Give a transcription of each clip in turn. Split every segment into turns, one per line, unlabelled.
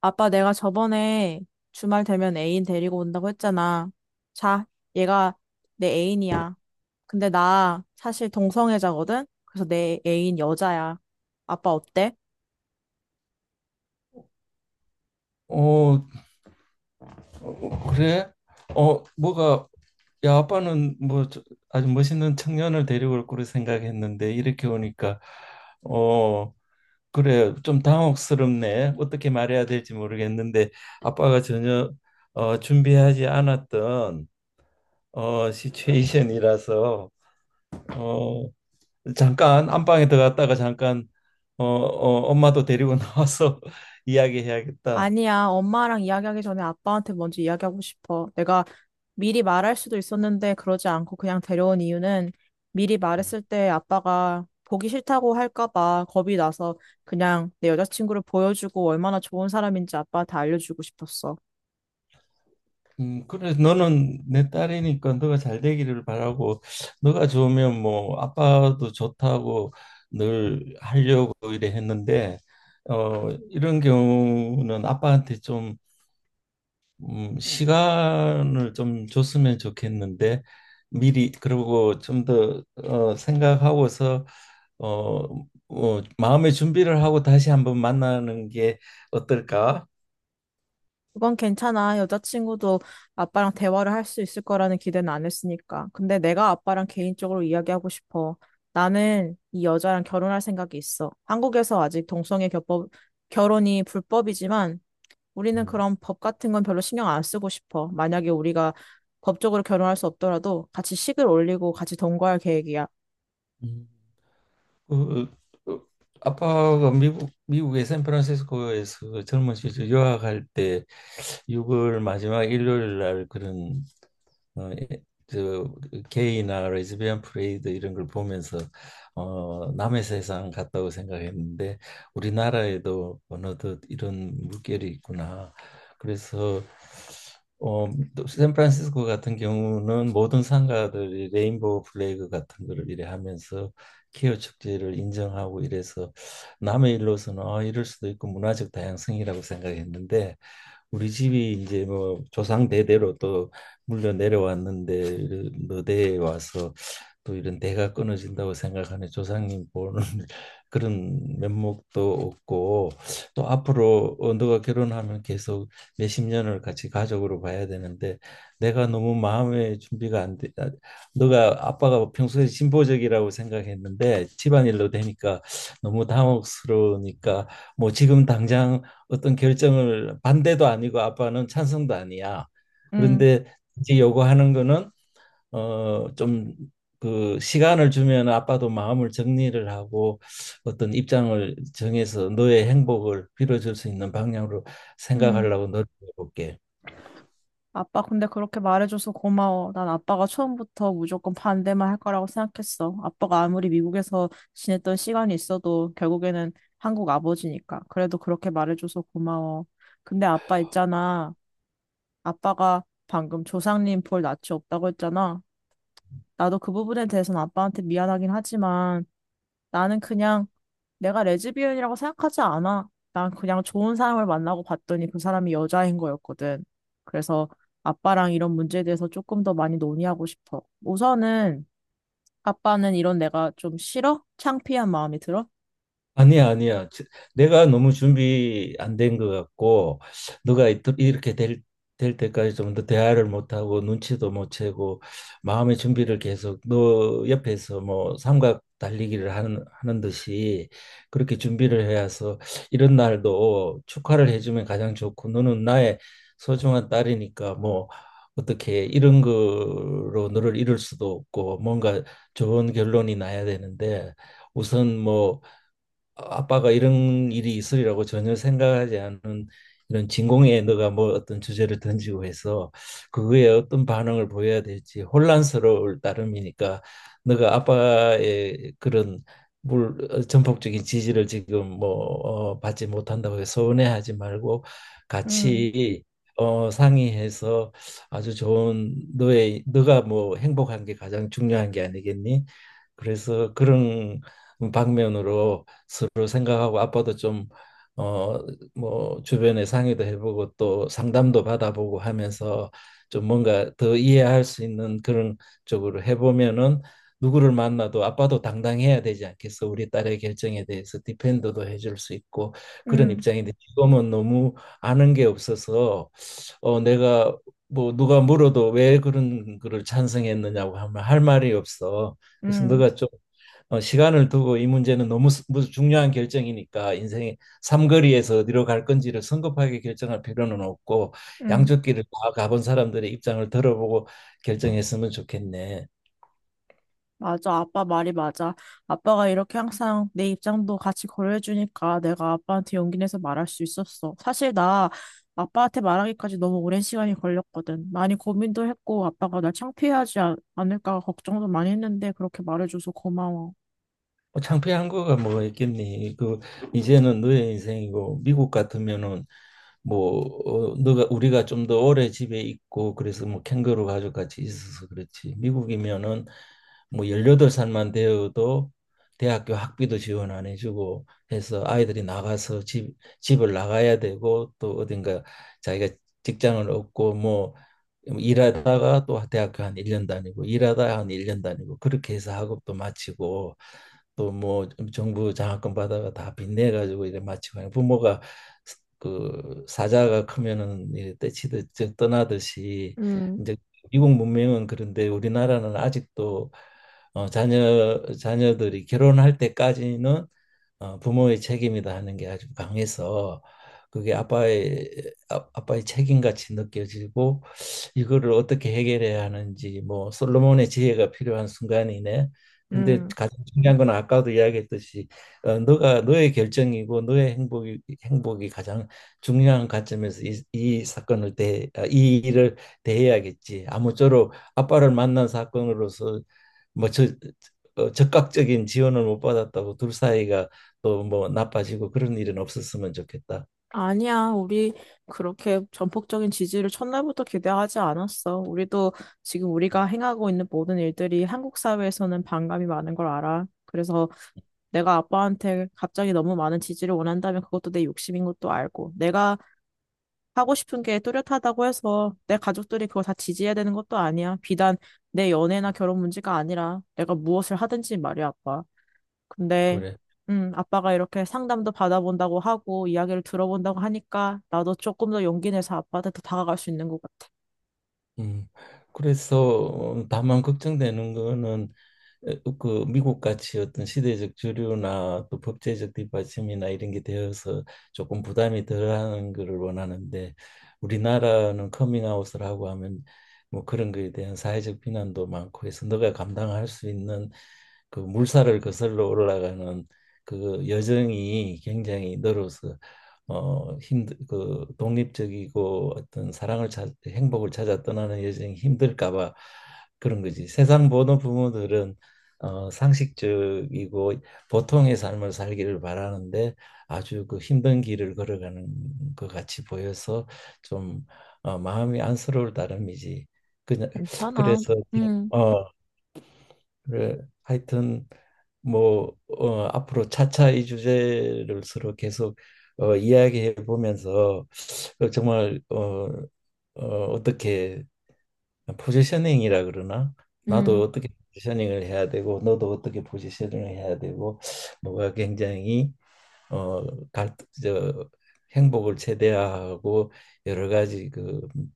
아빠, 내가 저번에 주말 되면 애인 데리고 온다고 했잖아. 자, 얘가 내 애인이야. 근데 나 사실 동성애자거든? 그래서 내 애인 여자야. 아빠 어때?
어, 그래? 뭐가, 야, 아빠는 뭐 아주 멋있는 청년을 데려올 거로 생각했는데 이렇게 오니까 어, 그래, 좀 당혹스럽네. 어떻게 말해야 될지 모르겠는데 아빠가 전혀 준비하지 않았던 시츄에이션이라서 어, 잠깐 안방에 들어갔다가 잠깐 엄마도 데리고 나와서 이야기해야겠다.
아니야, 엄마랑 이야기하기 전에 아빠한테 먼저 이야기하고 싶어. 내가 미리 말할 수도 있었는데 그러지 않고 그냥 데려온 이유는 미리 말했을 때 아빠가 보기 싫다고 할까 봐 겁이 나서 그냥 내 여자친구를 보여주고 얼마나 좋은 사람인지 아빠한테 알려주고 싶었어.
그래서 너는 내 딸이니까 너가 잘 되기를 바라고 너가 좋으면 뭐 아빠도 좋다고 늘 하려고 이래 했는데 이런 경우는 아빠한테 좀 시간을 좀 줬으면 좋겠는데 미리 그러고 좀 더 생각하고서 어, 마음의 준비를 하고 다시 한번 만나는 게 어떨까?
그건 괜찮아. 여자친구도 아빠랑 대화를 할 수 있을 거라는 기대는 안 했으니까. 근데 내가 아빠랑 개인적으로 이야기하고 싶어. 나는 이 여자랑 결혼할 생각이 있어. 한국에서 아직 동성애 겹법, 결혼이 불법이지만 우리는 그런 법 같은 건 별로 신경 안 쓰고 싶어. 만약에 우리가 법적으로 결혼할 수 없더라도 같이 식을 올리고 같이 동거할 계획이야.
음. 그, 그 아빠가 미국의 샌프란시스코에서 그 젊은 시절 유학할 때 6월 마지막 일요일 날 그런 어, 예, 저 그 게이나 레즈비언 프레이드 이런 걸 보면서 남의 세상 같다고 생각했는데 우리나라에도 어느덧 이런 물결이 있구나. 그래서 어, 또 샌프란시스코 같은 경우는 모든 상가들이 레인보우 플래그 같은 거를 이래 하면서 케어 축제를 인정하고 이래서 남의 일로서는 아, 이럴 수도 있고 문화적 다양성이라고 생각했는데 우리 집이 이제 뭐 조상 대대로 또 물려 내려왔는데 너대에 와서 또 이런 대가 끊어진다고 생각하는 조상님 보는 그런 면목도 없고 또 앞으로 너가 결혼하면 계속 몇십 년을 같이 가족으로 봐야 되는데 내가 너무 마음의 준비가 안 돼. 아, 너가 아빠가 평소에 진보적이라고 생각했는데 집안일로 되니까 너무 당혹스러우니까 뭐 지금 당장 어떤 결정을 반대도 아니고 아빠는 찬성도 아니야.
응,
그런데 이제 요구하는 거는 좀 그 시간을 주면 아빠도 마음을 정리를 하고 어떤 입장을 정해서 너의 행복을 빌어줄 수 있는 방향으로
응.
생각하려고 노력해 볼게.
아빠, 근데 그렇게 말해줘서 고마워. 난 아빠가 처음부터 무조건 반대만 할 거라고 생각했어. 아빠가 아무리 미국에서 지냈던 시간이 있어도 결국에는 한국 아버지니까. 그래도 그렇게 말해줘서 고마워. 근데 아빠 있잖아. 아빠가 방금 조상님 볼 낯이 없다고 했잖아. 나도 그 부분에 대해서는 아빠한테 미안하긴 하지만 나는 그냥 내가 레즈비언이라고 생각하지 않아. 난 그냥 좋은 사람을 만나고 봤더니 그 사람이 여자인 거였거든. 그래서 아빠랑 이런 문제에 대해서 조금 더 많이 논의하고 싶어. 우선은 아빠는 이런 내가 좀 싫어? 창피한 마음이 들어?
아니야, 아니야. 내가 너무 준비 안 된 것 같고, 너가 이렇게 될, 될 때까지 좀 더 대화를 못하고, 눈치도 못 채고, 마음의 준비를 계속 너 옆에서 뭐 삼각 달리기를 하는 듯이 그렇게 준비를 해서 이런 날도 축하를 해주면 가장 좋고, 너는 나의 소중한 딸이니까 뭐 어떻게 이런 거로 너를 잃을 수도 없고, 뭔가 좋은 결론이 나야 되는데, 우선 뭐 아빠가 이런 일이 있으리라고 전혀 생각하지 않은 이런 진공에 너가 뭐 어떤 주제를 던지고 해서 그거에 어떤 반응을 보여야 될지 혼란스러울 따름이니까 너가 아빠의 그런 전폭적인 지지를 지금 받지 못한다고 해서 서운해하지 말고
음,
같이 상의해서 아주 좋은 너의 너가 뭐 행복한 게 가장 중요한 게 아니겠니? 그래서 그런 방면으로 서로 생각하고 아빠도 좀 어 뭐 주변에 상의도 해보고 또 상담도 받아보고 하면서 좀 뭔가 더 이해할 수 있는 그런 쪽으로 해보면은 누구를 만나도 아빠도 당당해야 되지 않겠어? 우리 딸의 결정에 대해서 디펜더도 해줄 수 있고. 그런
음,
입장인데 지금은 너무 아는 게 없어서 내가 뭐 누가 물어도 왜 그런 거를 찬성했느냐고 하면 할 말이 없어. 그래서
음,
너가 좀 시간을 두고 이 문제는 너무 무슨 중요한 결정이니까 인생의 삼거리에서 어디로 갈 건지를 성급하게 결정할 필요는 없고
음.
양쪽 길을 다 가본 사람들의 입장을 들어보고 결정했으면 좋겠네.
맞아, 아빠 말이 맞아. 아빠가 이렇게 항상 내 입장도 같이 고려해주니까 내가 아빠한테 용기 내서 말할 수 있었어. 사실 나 아빠한테 말하기까지 너무 오랜 시간이 걸렸거든. 많이 고민도 했고 아빠가 날 창피해하지 않을까 걱정도 많이 했는데 그렇게 말해줘서 고마워.
뭐 창피한 거가 뭐가 있겠니? 그 이제는 너의 인생이고 미국 같으면은 뭐 너가 우리가 좀 더 오래 집에 있고 그래서 뭐 캥거루 가족 같이 있어서 그렇지. 미국이면은 뭐 18살만 되어도 대학교 학비도 지원 안 해주고 해서 아이들이 나가서 집을 나가야 되고 또 어딘가 자기가 직장을 얻고 뭐 일하다가 또 대학교 한 1년 다니고 일하다 한 1년 다니고 그렇게 해서 학업도 마치고 또 뭐 정부 장학금 받아가 다 빚내 가지고 이래 마치고 하는 부모가 그 사자가 크면은 이래 떼치듯 저 떠나듯이
음,
이제 미국 문명은 그런데 우리나라는 아직도 자녀들이 결혼할 때까지는 부모의 책임이다 하는 게 아주 강해서 그게 아빠의 아빠의 책임 같이 느껴지고 이거를 어떻게 해결해야 하는지 뭐 솔로몬의 지혜가 필요한 순간이네. 근데
음.
가장 중요한 건 아까도 이야기했듯이 너가 너의 결정이고 너의 행복이 가장 중요한 관점에서 이 사건을 대이 일을 대해야겠지. 아무쪼록 아빠를 만난 사건으로서 뭐 저, 적극적인 지원을 못 받았다고 둘 사이가 또 뭐 나빠지고 그런 일은 없었으면 좋겠다.
아니야, 우리 그렇게 전폭적인 지지를 첫날부터 기대하지 않았어. 우리도 지금 우리가 행하고 있는 모든 일들이 한국 사회에서는 반감이 많은 걸 알아. 그래서 내가 아빠한테 갑자기 너무 많은 지지를 원한다면 그것도 내 욕심인 것도 알고, 내가 하고 싶은 게 뚜렷하다고 해서 내 가족들이 그걸 다 지지해야 되는 것도 아니야. 비단 내 연애나 결혼 문제가 아니라 내가 무엇을 하든지 말이야, 아빠. 근데,
그래.
아빠가 이렇게 상담도 받아본다고 하고 이야기를 들어본다고 하니까 나도 조금 더 용기 내서 아빠한테 더 다가갈 수 있는 것 같아.
음. 그래서 다만 걱정되는 거는 그 미국 같이 어떤 시대적 주류나 또 법제적 뒷받침이나 이런 게 되어서 조금 부담이 덜하는 거를 원하는데 우리나라는 커밍아웃을 하고 하면 뭐 그런 거에 대한 사회적 비난도 많고 해서 너가 감당할 수 있는 그 물살을 거슬러 올라가는 그 여정이 굉장히 늘어서 힘들 그 독립적이고 어떤 사랑을 찾, 행복을 찾아 떠나는 여정이 힘들까 봐 그런 거지. 세상 모든 부모들은 상식적이고 보통의 삶을 살기를 바라는데 아주 그 힘든 길을 걸어가는 것 같이 보여서 좀 마음이 안쓰러울 따름이지. 그냥
괜찮아.
그래서
음,
어, 그래, 하여튼 앞으로 차차 이 주제를 서로 계속 이야기해 보면서 어, 정말 어, 어, 어떻게 포지셔닝이라 그러나, 나도
음,
어떻게 포지셔닝을 해야 되고 너도 어떻게 포지셔닝을 해야 되고. 뭐가 굉장히 어, 갈, 저, 행복을 최대화하고 여러 가지 그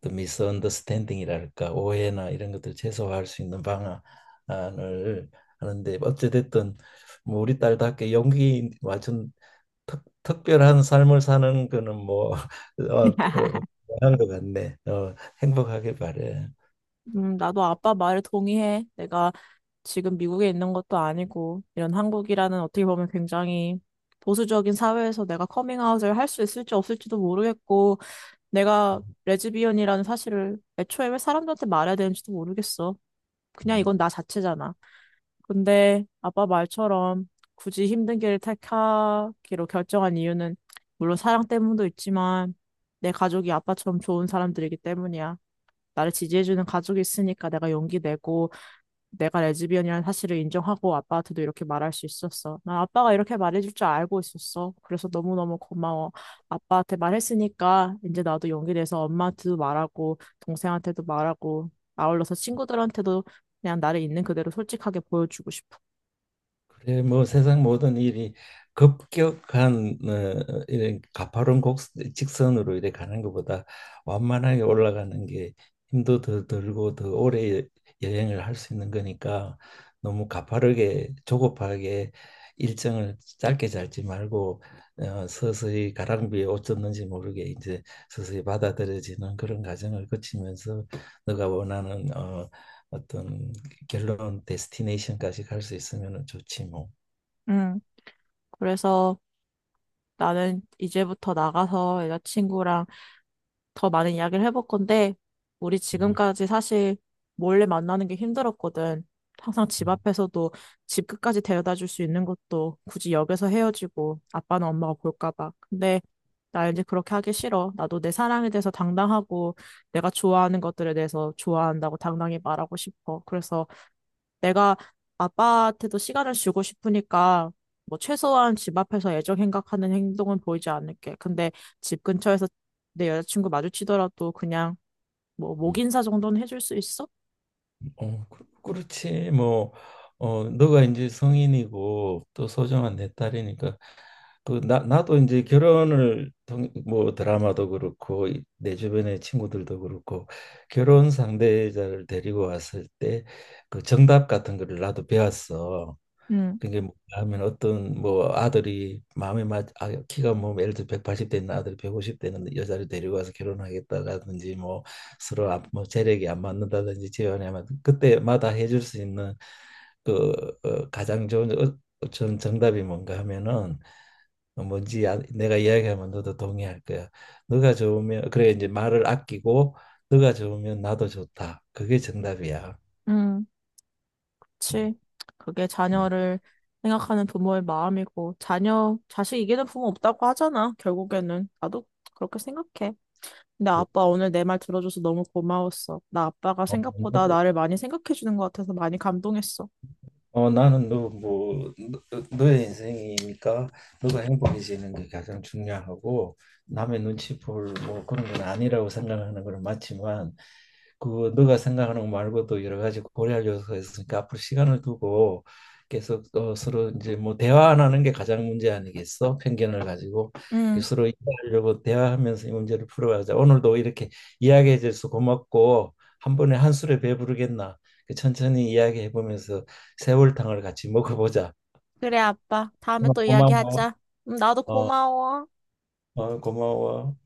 또 미스언더스탠딩이랄까 오해나 이런 것들 최소화할 수 있는 방안을 하는데 어찌됐든 뭐 우리 딸답게 용기 완전 특별한 삶을 사는 거는 한것 같네. 어, 행복하게 바래.
나도 아빠 말에 동의해. 내가 지금 미국에 있는 것도 아니고 이런 한국이라는 어떻게 보면 굉장히 보수적인 사회에서 내가 커밍아웃을 할 수 있을지 없을지도 모르겠고 내가 레즈비언이라는 사실을 애초에 왜 사람들한테 말해야 되는지도 모르겠어. 그냥
음.
이건 나 자체잖아. 근데 아빠 말처럼 굳이 힘든 길을 택하기로 결정한 이유는 물론 사랑 때문도 있지만 내 가족이 아빠처럼 좋은 사람들이기 때문이야. 나를 지지해주는 가족이 있으니까 내가 용기 내고 내가 레즈비언이라는 사실을 인정하고 아빠한테도 이렇게 말할 수 있었어. 난 아빠가 이렇게 말해줄 줄 알고 있었어. 그래서 너무너무 고마워. 아빠한테 말했으니까 이제 나도 용기내서 엄마한테도 말하고 동생한테도 말하고 아울러서 친구들한테도 그냥 나를 있는 그대로 솔직하게 보여주고 싶어.
그래 뭐 세상 모든 일이 급격한 이런 가파른 곡 직선으로 이렇게 가는 것보다 완만하게 올라가는 게 힘도 더 들고 더 오래 여행을 할 수 있는 거니까 너무 가파르게 조급하게 일정을 짧게 잡지 말고 서서히 가랑비에 옷 젖는지 모르게 이제 서서히 받아들여지는 그런 과정을 거치면서 너가 원하는 어, 어떤 결론 데스티네이션까지 갈 수 있으면 좋지 뭐.
음, 그래서 나는 이제부터 나가서 여자친구랑 더 많은 이야기를 해볼 건데, 우리
음.
지금까지 사실 몰래 만나는 게 힘들었거든. 항상 집
음.
앞에서도 집 끝까지 데려다 줄 수 있는 것도 굳이 역에서 헤어지고 아빠는 엄마가 볼까 봐. 근데 나 이제 그렇게 하기 싫어. 나도 내 사랑에 대해서 당당하고 내가 좋아하는 것들에 대해서 좋아한다고 당당히 말하고 싶어. 그래서 내가 아빠한테도 시간을 주고 싶으니까 뭐 최소한 집 앞에서 애정 행각하는 행동은 보이지 않을게. 근데 집 근처에서 내 여자친구 마주치더라도 그냥 뭐 목
음.
인사 정도는 해줄 수 있어?
어, 그렇지 뭐. 어, 너가 이제 성인이고 또 소중한 내 딸이니까 나도 이제 결혼을 뭐 드라마도 그렇고 내 주변의 친구들도 그렇고 결혼 상대자를 데리고 왔을 때 그 정답 같은 거를 나도 배웠어.
응,
그게 뭐냐 하면 어떤 뭐 아들이 키가 뭐 예를 들어 180있는 아들이 150있는 여자를 데리고 와서 결혼하겠다라든지 뭐 서로 뭐 재력이 안 맞는다든지 재혼이 면 그때마다 해줄 수 있는 그 가장 좋은 어, 전 정답이 뭔가 하면은 내가 이야기하면 너도 동의할 거야. 너가 좋으면 그래 이제 말을 아끼고, 너가 좋으면 나도 좋다. 그게 정답이야.
응.
음.
그치. 그게 자녀를 생각하는 부모의 마음이고, 자녀, 자식 이기는 부모 없다고 하잖아, 결국에는. 나도 그렇게 생각해. 근데 아빠 오늘 내 말 들어줘서 너무 고마웠어. 나 아빠가 생각보다
음.
나를 많이 생각해주는 것 같아서 많이 감동했어.
어, 나는 너의 인생이니까 너가 행복해지는 게 가장 중요하고 남의 눈치 볼 뭐 그런 건 아니라고 생각하는 건 맞지만 그 너가 생각하는 거 말고도 여러 가지 고려할 요소가 있으니까 앞으로 시간을 두고 계속 서로 이제 뭐 대화 안 하는 게 가장 문제 아니겠어? 편견을 가지고 그
응,
서로 이해하려고 대화하면서 이 문제를 풀어가자. 오늘도 이렇게 이야기해 줘서 고맙고. 한 번에 한 술에 배부르겠나? 그 천천히 이야기해 보면서 세월탕을 같이 먹어보자.
그래, 아빠. 다음에
어,
또
고마워.
이야기하자. 응, 나도
어,
고마워.
고마워.